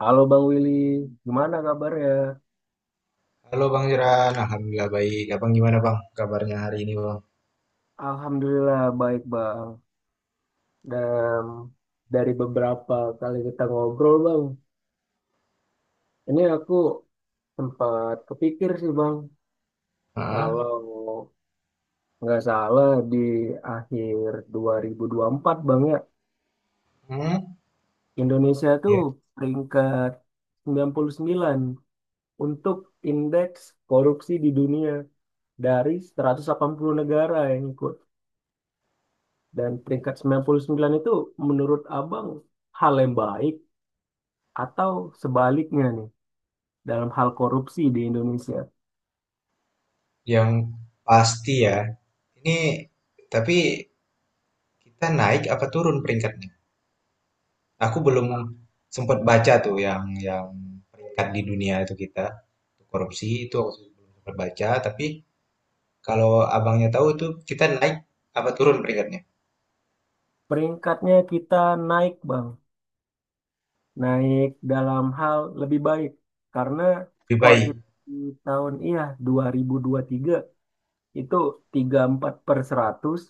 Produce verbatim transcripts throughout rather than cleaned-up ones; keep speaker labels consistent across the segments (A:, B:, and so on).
A: Halo Bang Willy, gimana kabarnya?
B: Halo Bang Jeran, Alhamdulillah baik. Abang gimana Bang kabarnya hari ini Bang?
A: Alhamdulillah baik Bang. Dan dari beberapa kali kita ngobrol Bang, ini aku sempat kepikir sih Bang,
B: Hah?
A: kalau nggak salah di akhir dua ribu dua puluh empat Bang ya,
B: Hmm,
A: Indonesia tuh
B: ya.
A: peringkat sembilan puluh sembilan untuk indeks korupsi di dunia dari seratus delapan puluh negara yang ikut. Dan peringkat sembilan puluh sembilan itu menurut Abang hal yang baik atau sebaliknya nih dalam hal korupsi di Indonesia.
B: Yang pasti ya, ini tapi kita naik apa turun peringkatnya? Aku belum sempat baca tuh yang yang peringkat di dunia itu kita korupsi itu aku belum sempat baca. Tapi kalau abangnya tahu itu kita naik apa turun peringkatnya?
A: Peringkatnya kita naik, Bang. Naik dalam hal lebih baik karena
B: Lebih
A: skor
B: baik.
A: kita di tahun iya dua ribu dua puluh tiga itu tiga puluh empat per seratus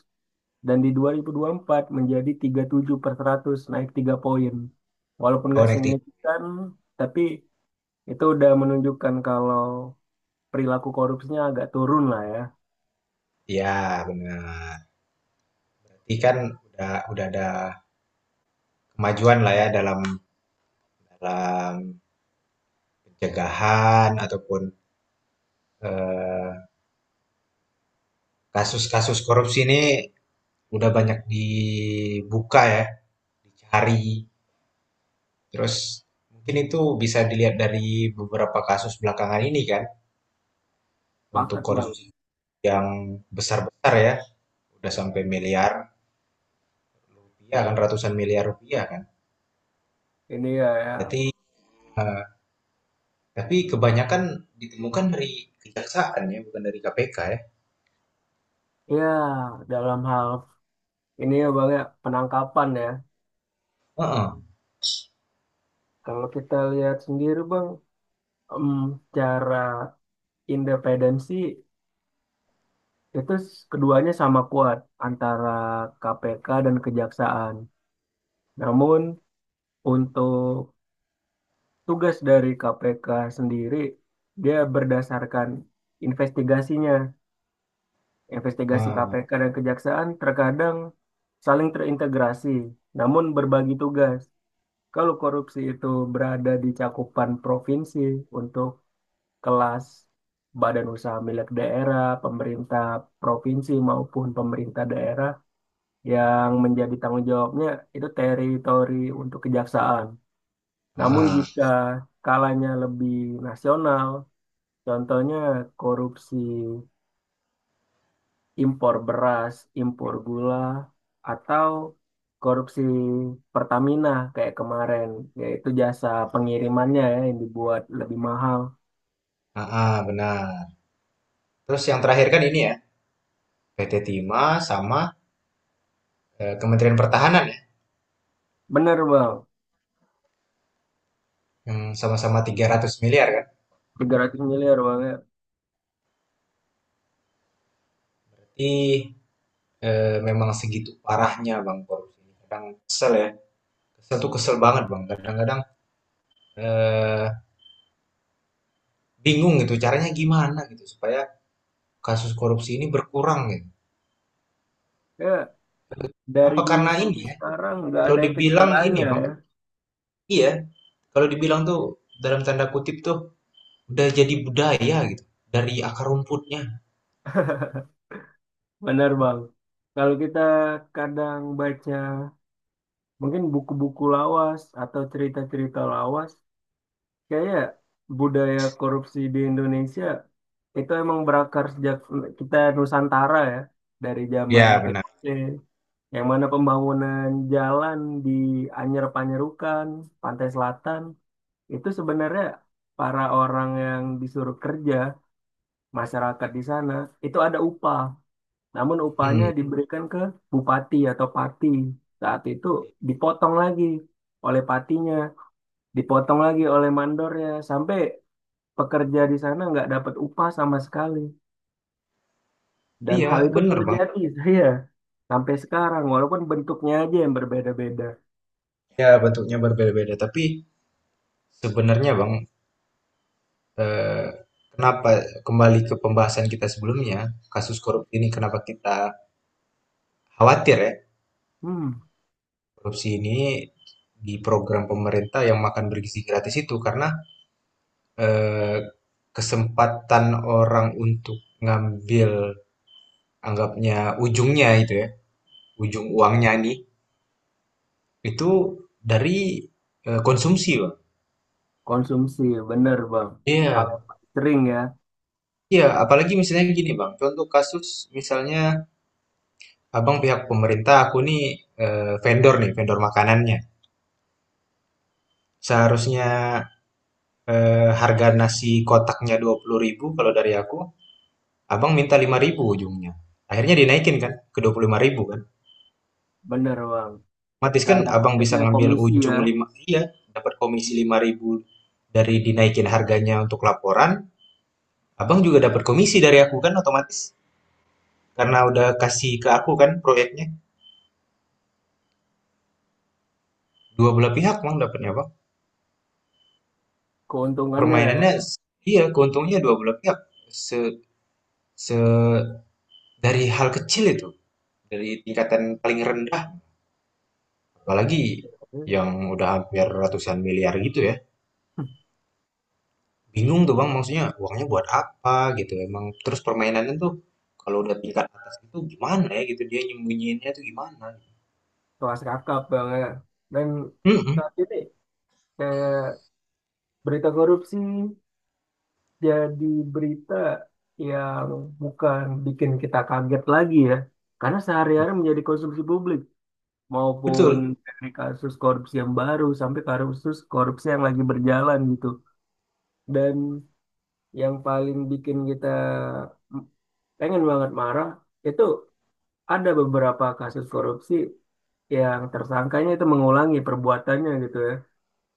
A: dan di dua puluh dua puluh empat menjadi tiga puluh tujuh per seratus naik tiga poin. Walaupun
B: Oh
A: nggak
B: naik tiga.
A: signifikan tapi itu udah menunjukkan kalau perilaku korupsinya agak turun lah ya.
B: Ya benar. Berarti kan udah udah ada kemajuan lah ya dalam dalam pencegahan ataupun eh, kasus-kasus korupsi ini udah banyak dibuka ya, dicari. Terus mungkin itu bisa dilihat dari beberapa kasus belakangan ini kan, untuk
A: Paket bang.
B: korupsi yang besar-besar ya, udah sampai miliar rupiah kan, ratusan miliar rupiah kan.
A: Ini ya, ya,
B: Berarti eh, tapi kebanyakan ditemukan dari kejaksaan ya, bukan dari K P K ya.
A: ya, dalam hal ini ya bang ya, penangkapan ya.
B: Heeh.
A: Kalau kita lihat sendiri bang, Em, cara independensi itu s- keduanya sama kuat antara K P K dan kejaksaan. Namun untuk tugas dari K P K sendiri dia berdasarkan investigasinya. Investigasi K P K dan kejaksaan terkadang saling terintegrasi, namun berbagi tugas. Kalau korupsi itu berada di cakupan provinsi untuk kelas badan usaha milik daerah, pemerintah provinsi maupun pemerintah daerah yang menjadi tanggung jawabnya itu teritori untuk kejaksaan. Namun
B: Ah,
A: jika skalanya lebih nasional, contohnya korupsi impor beras, impor gula, atau korupsi Pertamina kayak kemarin, yaitu jasa pengirimannya ya yang dibuat lebih mahal.
B: ah, ah, benar. Terus yang terakhir kan ini ya, P T Timah sama eh, Kementerian Pertahanan ya,
A: Bener bang,
B: yang sama-sama tiga ratus miliar kan.
A: tiga ratus miliar bang ya.
B: Jadi eh, memang segitu parahnya Bang korupsi. Kadang kesel ya, kesel tuh kesel banget Bang. Kadang-kadang eh, bingung gitu caranya gimana gitu supaya kasus korupsi ini berkurang gitu.
A: Ya, dari
B: Apa
A: dulu
B: karena ini
A: sampai
B: ya?
A: sekarang nggak
B: Kalau
A: ada efek
B: dibilang ini
A: jerahnya
B: Bang,
A: ya.
B: iya. Kalau dibilang tuh dalam tanda kutip tuh udah jadi budaya gitu dari akar rumputnya.
A: Benar Bang. Kalau kita kadang baca mungkin buku-buku lawas atau cerita-cerita lawas, kayak budaya korupsi di Indonesia itu emang berakar sejak kita Nusantara ya, dari zaman
B: Ya benar.
A: V O C, yang mana pembangunan jalan di Anyer Panyerukan, Pantai Selatan, itu sebenarnya para orang yang disuruh kerja masyarakat di sana itu ada upah. Namun upahnya
B: Hmm,
A: Hmm. diberikan ke bupati atau pati. Saat itu dipotong lagi oleh patinya, dipotong lagi oleh mandornya, sampai pekerja di sana nggak dapat upah sama sekali. Dan
B: iya
A: hal itu
B: benar Bang.
A: terjadi saya sampai sekarang, walaupun bentuknya aja yang berbeda-beda.
B: Ya bentuknya berbeda-beda tapi sebenarnya Bang, eh, kenapa kembali ke pembahasan kita sebelumnya, kasus korupsi ini kenapa kita khawatir ya,
A: Hmm,
B: korupsi ini di program pemerintah yang makan bergizi gratis itu karena eh, kesempatan orang untuk ngambil anggapnya ujungnya itu ya, ujung uangnya nih itu dari eh, konsumsi, Bang.
A: Konsumsi, bener bang. Hal
B: Iya,
A: yang paling sering ya,
B: iya, apalagi misalnya gini, Bang. Contoh kasus misalnya abang pihak pemerintah, aku nih eh, vendor nih, vendor makanannya. Seharusnya, eee, harga nasi kotaknya dua puluh ribu kalau dari aku, Abang minta lima ribu ujungnya. Akhirnya dinaikin kan ke dua puluh lima ribu kan.
A: bener bang.
B: Otomatis kan
A: Karena
B: Abang bisa
A: kutipnya
B: ngambil
A: komisi ya,
B: ujung lima iya, dapat komisi lima ribu dari dinaikin harganya untuk laporan, Abang juga dapat komisi dari aku kan otomatis. Karena udah kasih ke aku kan proyeknya. Dua belah pihak Bang dapatnya Bang.
A: keuntungannya.
B: Permainannya iya, keuntungnya dua belah pihak. Se se dari hal kecil itu, dari tingkatan paling rendah. Apalagi yang udah hampir ratusan miliar gitu ya. Bingung tuh Bang, maksudnya uangnya buat apa gitu. Emang terus permainannya tuh kalau udah tingkat atas itu gimana ya gitu dia nyembunyiinnya tuh gimana.
A: Kelas kakap banget dan
B: Mm-mm,
A: saat ini kayak berita korupsi jadi berita yang bukan bikin kita kaget lagi ya, karena sehari-hari menjadi konsumsi publik maupun
B: betul.
A: dari kasus korupsi yang baru sampai kasus korupsi yang lagi berjalan gitu, dan yang paling bikin kita pengen banget marah itu ada beberapa kasus korupsi yang tersangkanya itu mengulangi perbuatannya gitu ya,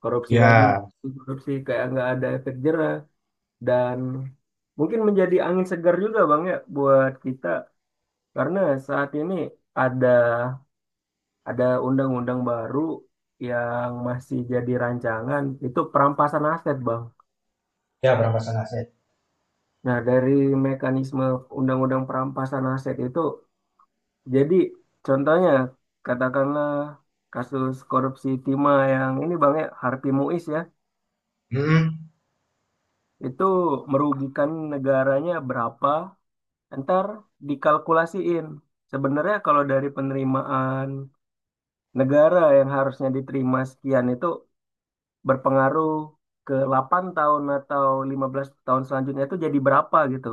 A: korupsi lagi,
B: Ya,
A: korupsi kayak nggak ada efek jerah. Dan mungkin menjadi angin segar juga bang ya buat kita karena saat ini ada ada undang-undang baru yang masih jadi rancangan itu perampasan aset bang.
B: ya perampasan aset.
A: Nah dari mekanisme undang-undang perampasan aset itu, jadi contohnya katakanlah kasus korupsi timah yang ini bang ya, Harvey Muiz ya,
B: Mm-mm,
A: itu merugikan negaranya berapa. Ntar dikalkulasiin. Sebenarnya kalau dari penerimaan negara yang harusnya diterima sekian itu berpengaruh ke delapan tahun atau lima belas tahun selanjutnya itu jadi berapa gitu.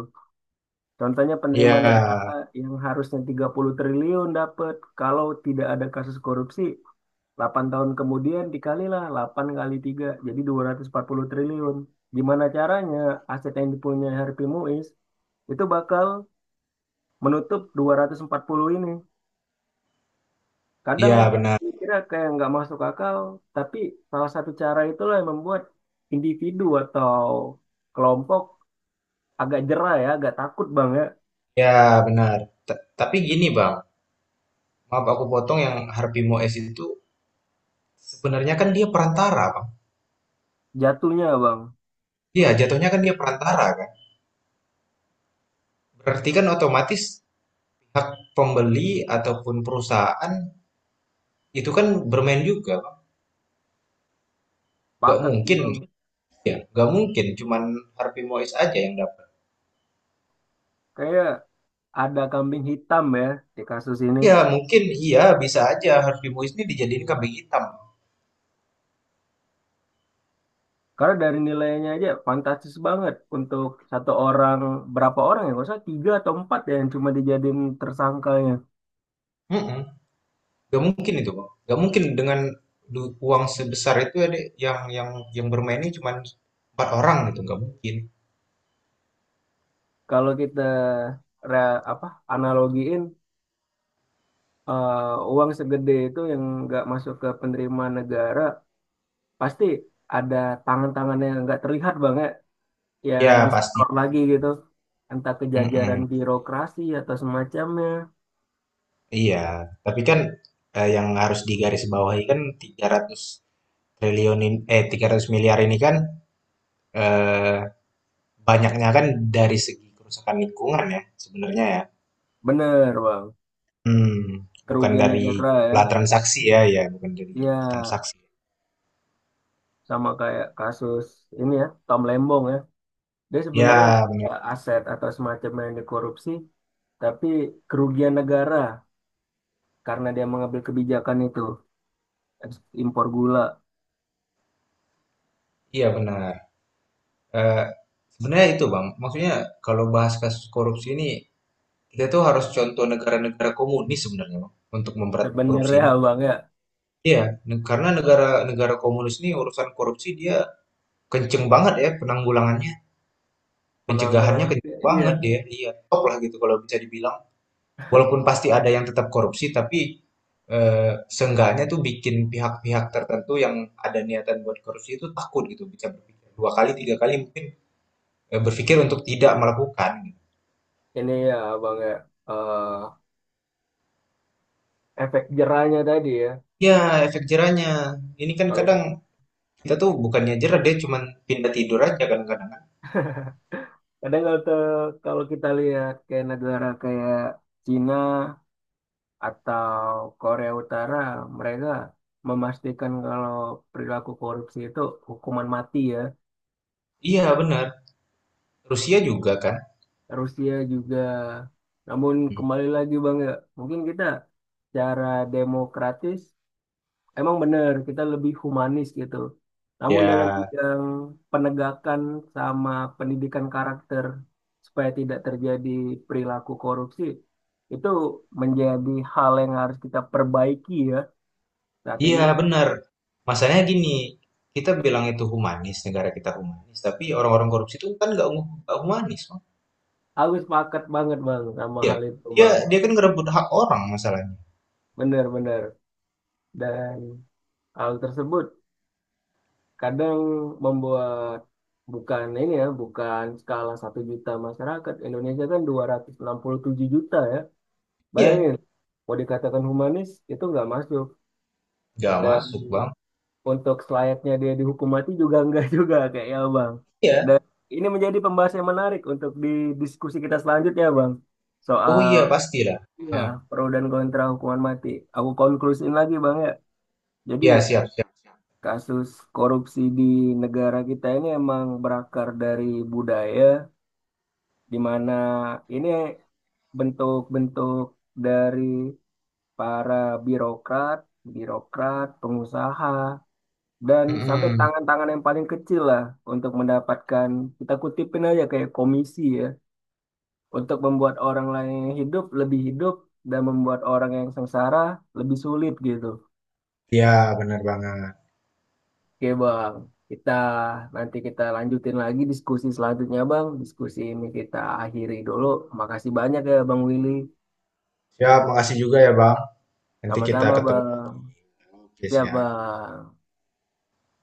A: Contohnya penerimaan
B: ya,
A: negara yang harusnya tiga puluh triliun dapat kalau tidak ada kasus korupsi, delapan tahun kemudian dikalilah delapan kali tiga jadi dua ratus empat puluh triliun. Gimana caranya aset yang dipunyai Harvey Muiz itu bakal menutup dua ratus empat puluh ini. Kadang
B: ya benar.
A: kira kayak nggak masuk akal, tapi salah satu cara itulah yang membuat individu atau kelompok agak jera ya, agak takut bang ya,
B: Ya benar. Ta- tapi gini Bang, maaf aku potong yang Harvey Moes itu sebenarnya kan dia perantara Bang.
A: jatuhnya bang.
B: Iya, jatuhnya kan dia perantara kan. Berarti kan otomatis pihak pembeli ataupun perusahaan itu kan bermain juga, Bang. Nggak
A: Pakat sih
B: mungkin,
A: bang.
B: ya. Nggak mungkin cuman Harvey Mois aja yang dapat.
A: Kayak ada kambing hitam ya di kasus ini.
B: Ya, mungkin iya bisa aja Harvey Mois ini dijadiin kambing hitam.
A: Karena dari nilainya aja fantastis banget untuk satu orang, berapa orang ya? Nggak usah tiga atau empat ya yang cuma dijadiin tersangkanya.
B: Mm-mm. Nggak mungkin itu, Bang. Nggak mungkin dengan du- uang sebesar itu ya, yang yang yang bermainnya cuman empat orang gitu, nggak mungkin.
A: Kalau kita re- apa analogiin eh, uang segede itu yang nggak masuk ke penerima negara, pasti ada tangan-tangan yang nggak terlihat banget yang
B: Ya, pasti.
A: disetor lagi gitu. Entah kejajaran
B: Mm-mm.
A: birokrasi atau semacamnya.
B: Iya, tapi kan eh, yang harus digarisbawahi kan tiga ratus triliun ini, eh tiga ratus miliar ini kan eh banyaknya kan dari segi kerusakan lingkungan ya, sebenarnya ya.
A: Bener, Bang.
B: Hmm, bukan
A: Kerugian
B: dari
A: negara ya.
B: jumlah transaksi ya, ya bukan dari jumlah
A: Ya,
B: transaksi.
A: sama kayak kasus ini ya, Tom Lembong ya. Dia sebenarnya nggak
B: Ya,
A: ada
B: benar.
A: aset atau semacamnya yang dikorupsi, tapi kerugian negara karena dia mengambil kebijakan itu. ekspor- Impor gula.
B: Iya benar. Eee, sebenarnya itu Bang, maksudnya kalau bahas kasus korupsi ini, kita tuh harus contoh negara-negara komunis sebenarnya Bang, untuk memberantas korupsi ini.
A: Sebenarnya, Bang ya.
B: Iya, ne karena negara-negara komunis ini urusan korupsi dia kenceng banget ya penanggulangannya, pencegahannya
A: Penanggulangan,
B: kenceng
A: iya.
B: banget dia, iya, top lah gitu kalau bisa dibilang. Walaupun pasti ada yang tetap korupsi, tapi eh, seenggaknya tuh bikin pihak-pihak tertentu yang ada niatan buat korupsi itu takut gitu, bisa berpikir dua kali, tiga kali mungkin eh, berpikir untuk tidak melakukan. Gitu.
A: Ini ya bang ya, eh, efek jerahnya tadi ya.
B: Ya, efek jerahnya. Ini kan
A: kalau
B: kadang
A: ki-
B: kita tuh bukannya jerah, dia cuman pindah tidur aja kan kadang.
A: Kadang kalau te- kalau kita lihat kayak negara kayak Cina atau Korea Utara, mereka memastikan kalau perilaku korupsi itu hukuman mati ya.
B: Iya, benar. Rusia juga kan.
A: Rusia juga, namun
B: Hmm.
A: kembali lagi bang ya, mungkin kita cara demokratis. Emang benar, kita lebih humanis gitu. Namun dalam
B: Ya,
A: bidang penegakan sama pendidikan karakter supaya tidak terjadi perilaku korupsi, itu menjadi hal yang harus kita perbaiki ya saat
B: iya
A: ini.
B: benar. Masalahnya gini, kita bilang itu humanis, negara kita humanis, tapi orang-orang korupsi itu kan nggak nggak humanis.
A: Aku sepakat banget Bang sama
B: Iya,
A: hal itu
B: dia
A: Bang.
B: dia kan ngerebut hak orang masalahnya.
A: Benar-benar. Dan hal tersebut kadang membuat, bukan ini ya, bukan skala satu juta masyarakat. Indonesia kan dua ratus enam puluh tujuh juta ya.
B: Iya,
A: Bayangin, mau dikatakan humanis itu nggak masuk,
B: nggak
A: dan
B: masuk bang.
A: untuk selayaknya dia dihukum mati juga nggak juga kayak ya Bang. Dan
B: Iya,
A: ini menjadi pembahasan yang menarik untuk di diskusi kita selanjutnya Bang.
B: oh iya
A: Soal
B: pastilah.
A: ya,
B: Hmm.
A: pro dan kontra hukuman mati. Aku konklusiin lagi Bang ya. Jadi
B: Iya siap siap.
A: kasus korupsi di negara kita ini emang berakar dari budaya, di mana ini bentuk-bentuk dari para birokrat, birokrat, pengusaha, dan sampai
B: Mm-mm.
A: tangan-tangan yang paling kecil lah untuk mendapatkan, kita kutipin aja kayak komisi ya, untuk membuat orang lain yang hidup lebih hidup dan membuat orang yang sengsara lebih sulit gitu.
B: Iya benar banget.
A: Oke bang, kita nanti kita lanjutin lagi diskusi selanjutnya bang. Diskusi ini kita akhiri dulu. Makasih banyak ya bang Willy.
B: Siap, makasih juga ya bang. Nanti kita
A: Sama-sama
B: ketemu
A: bang.
B: lagi
A: Siap
B: ya.
A: bang.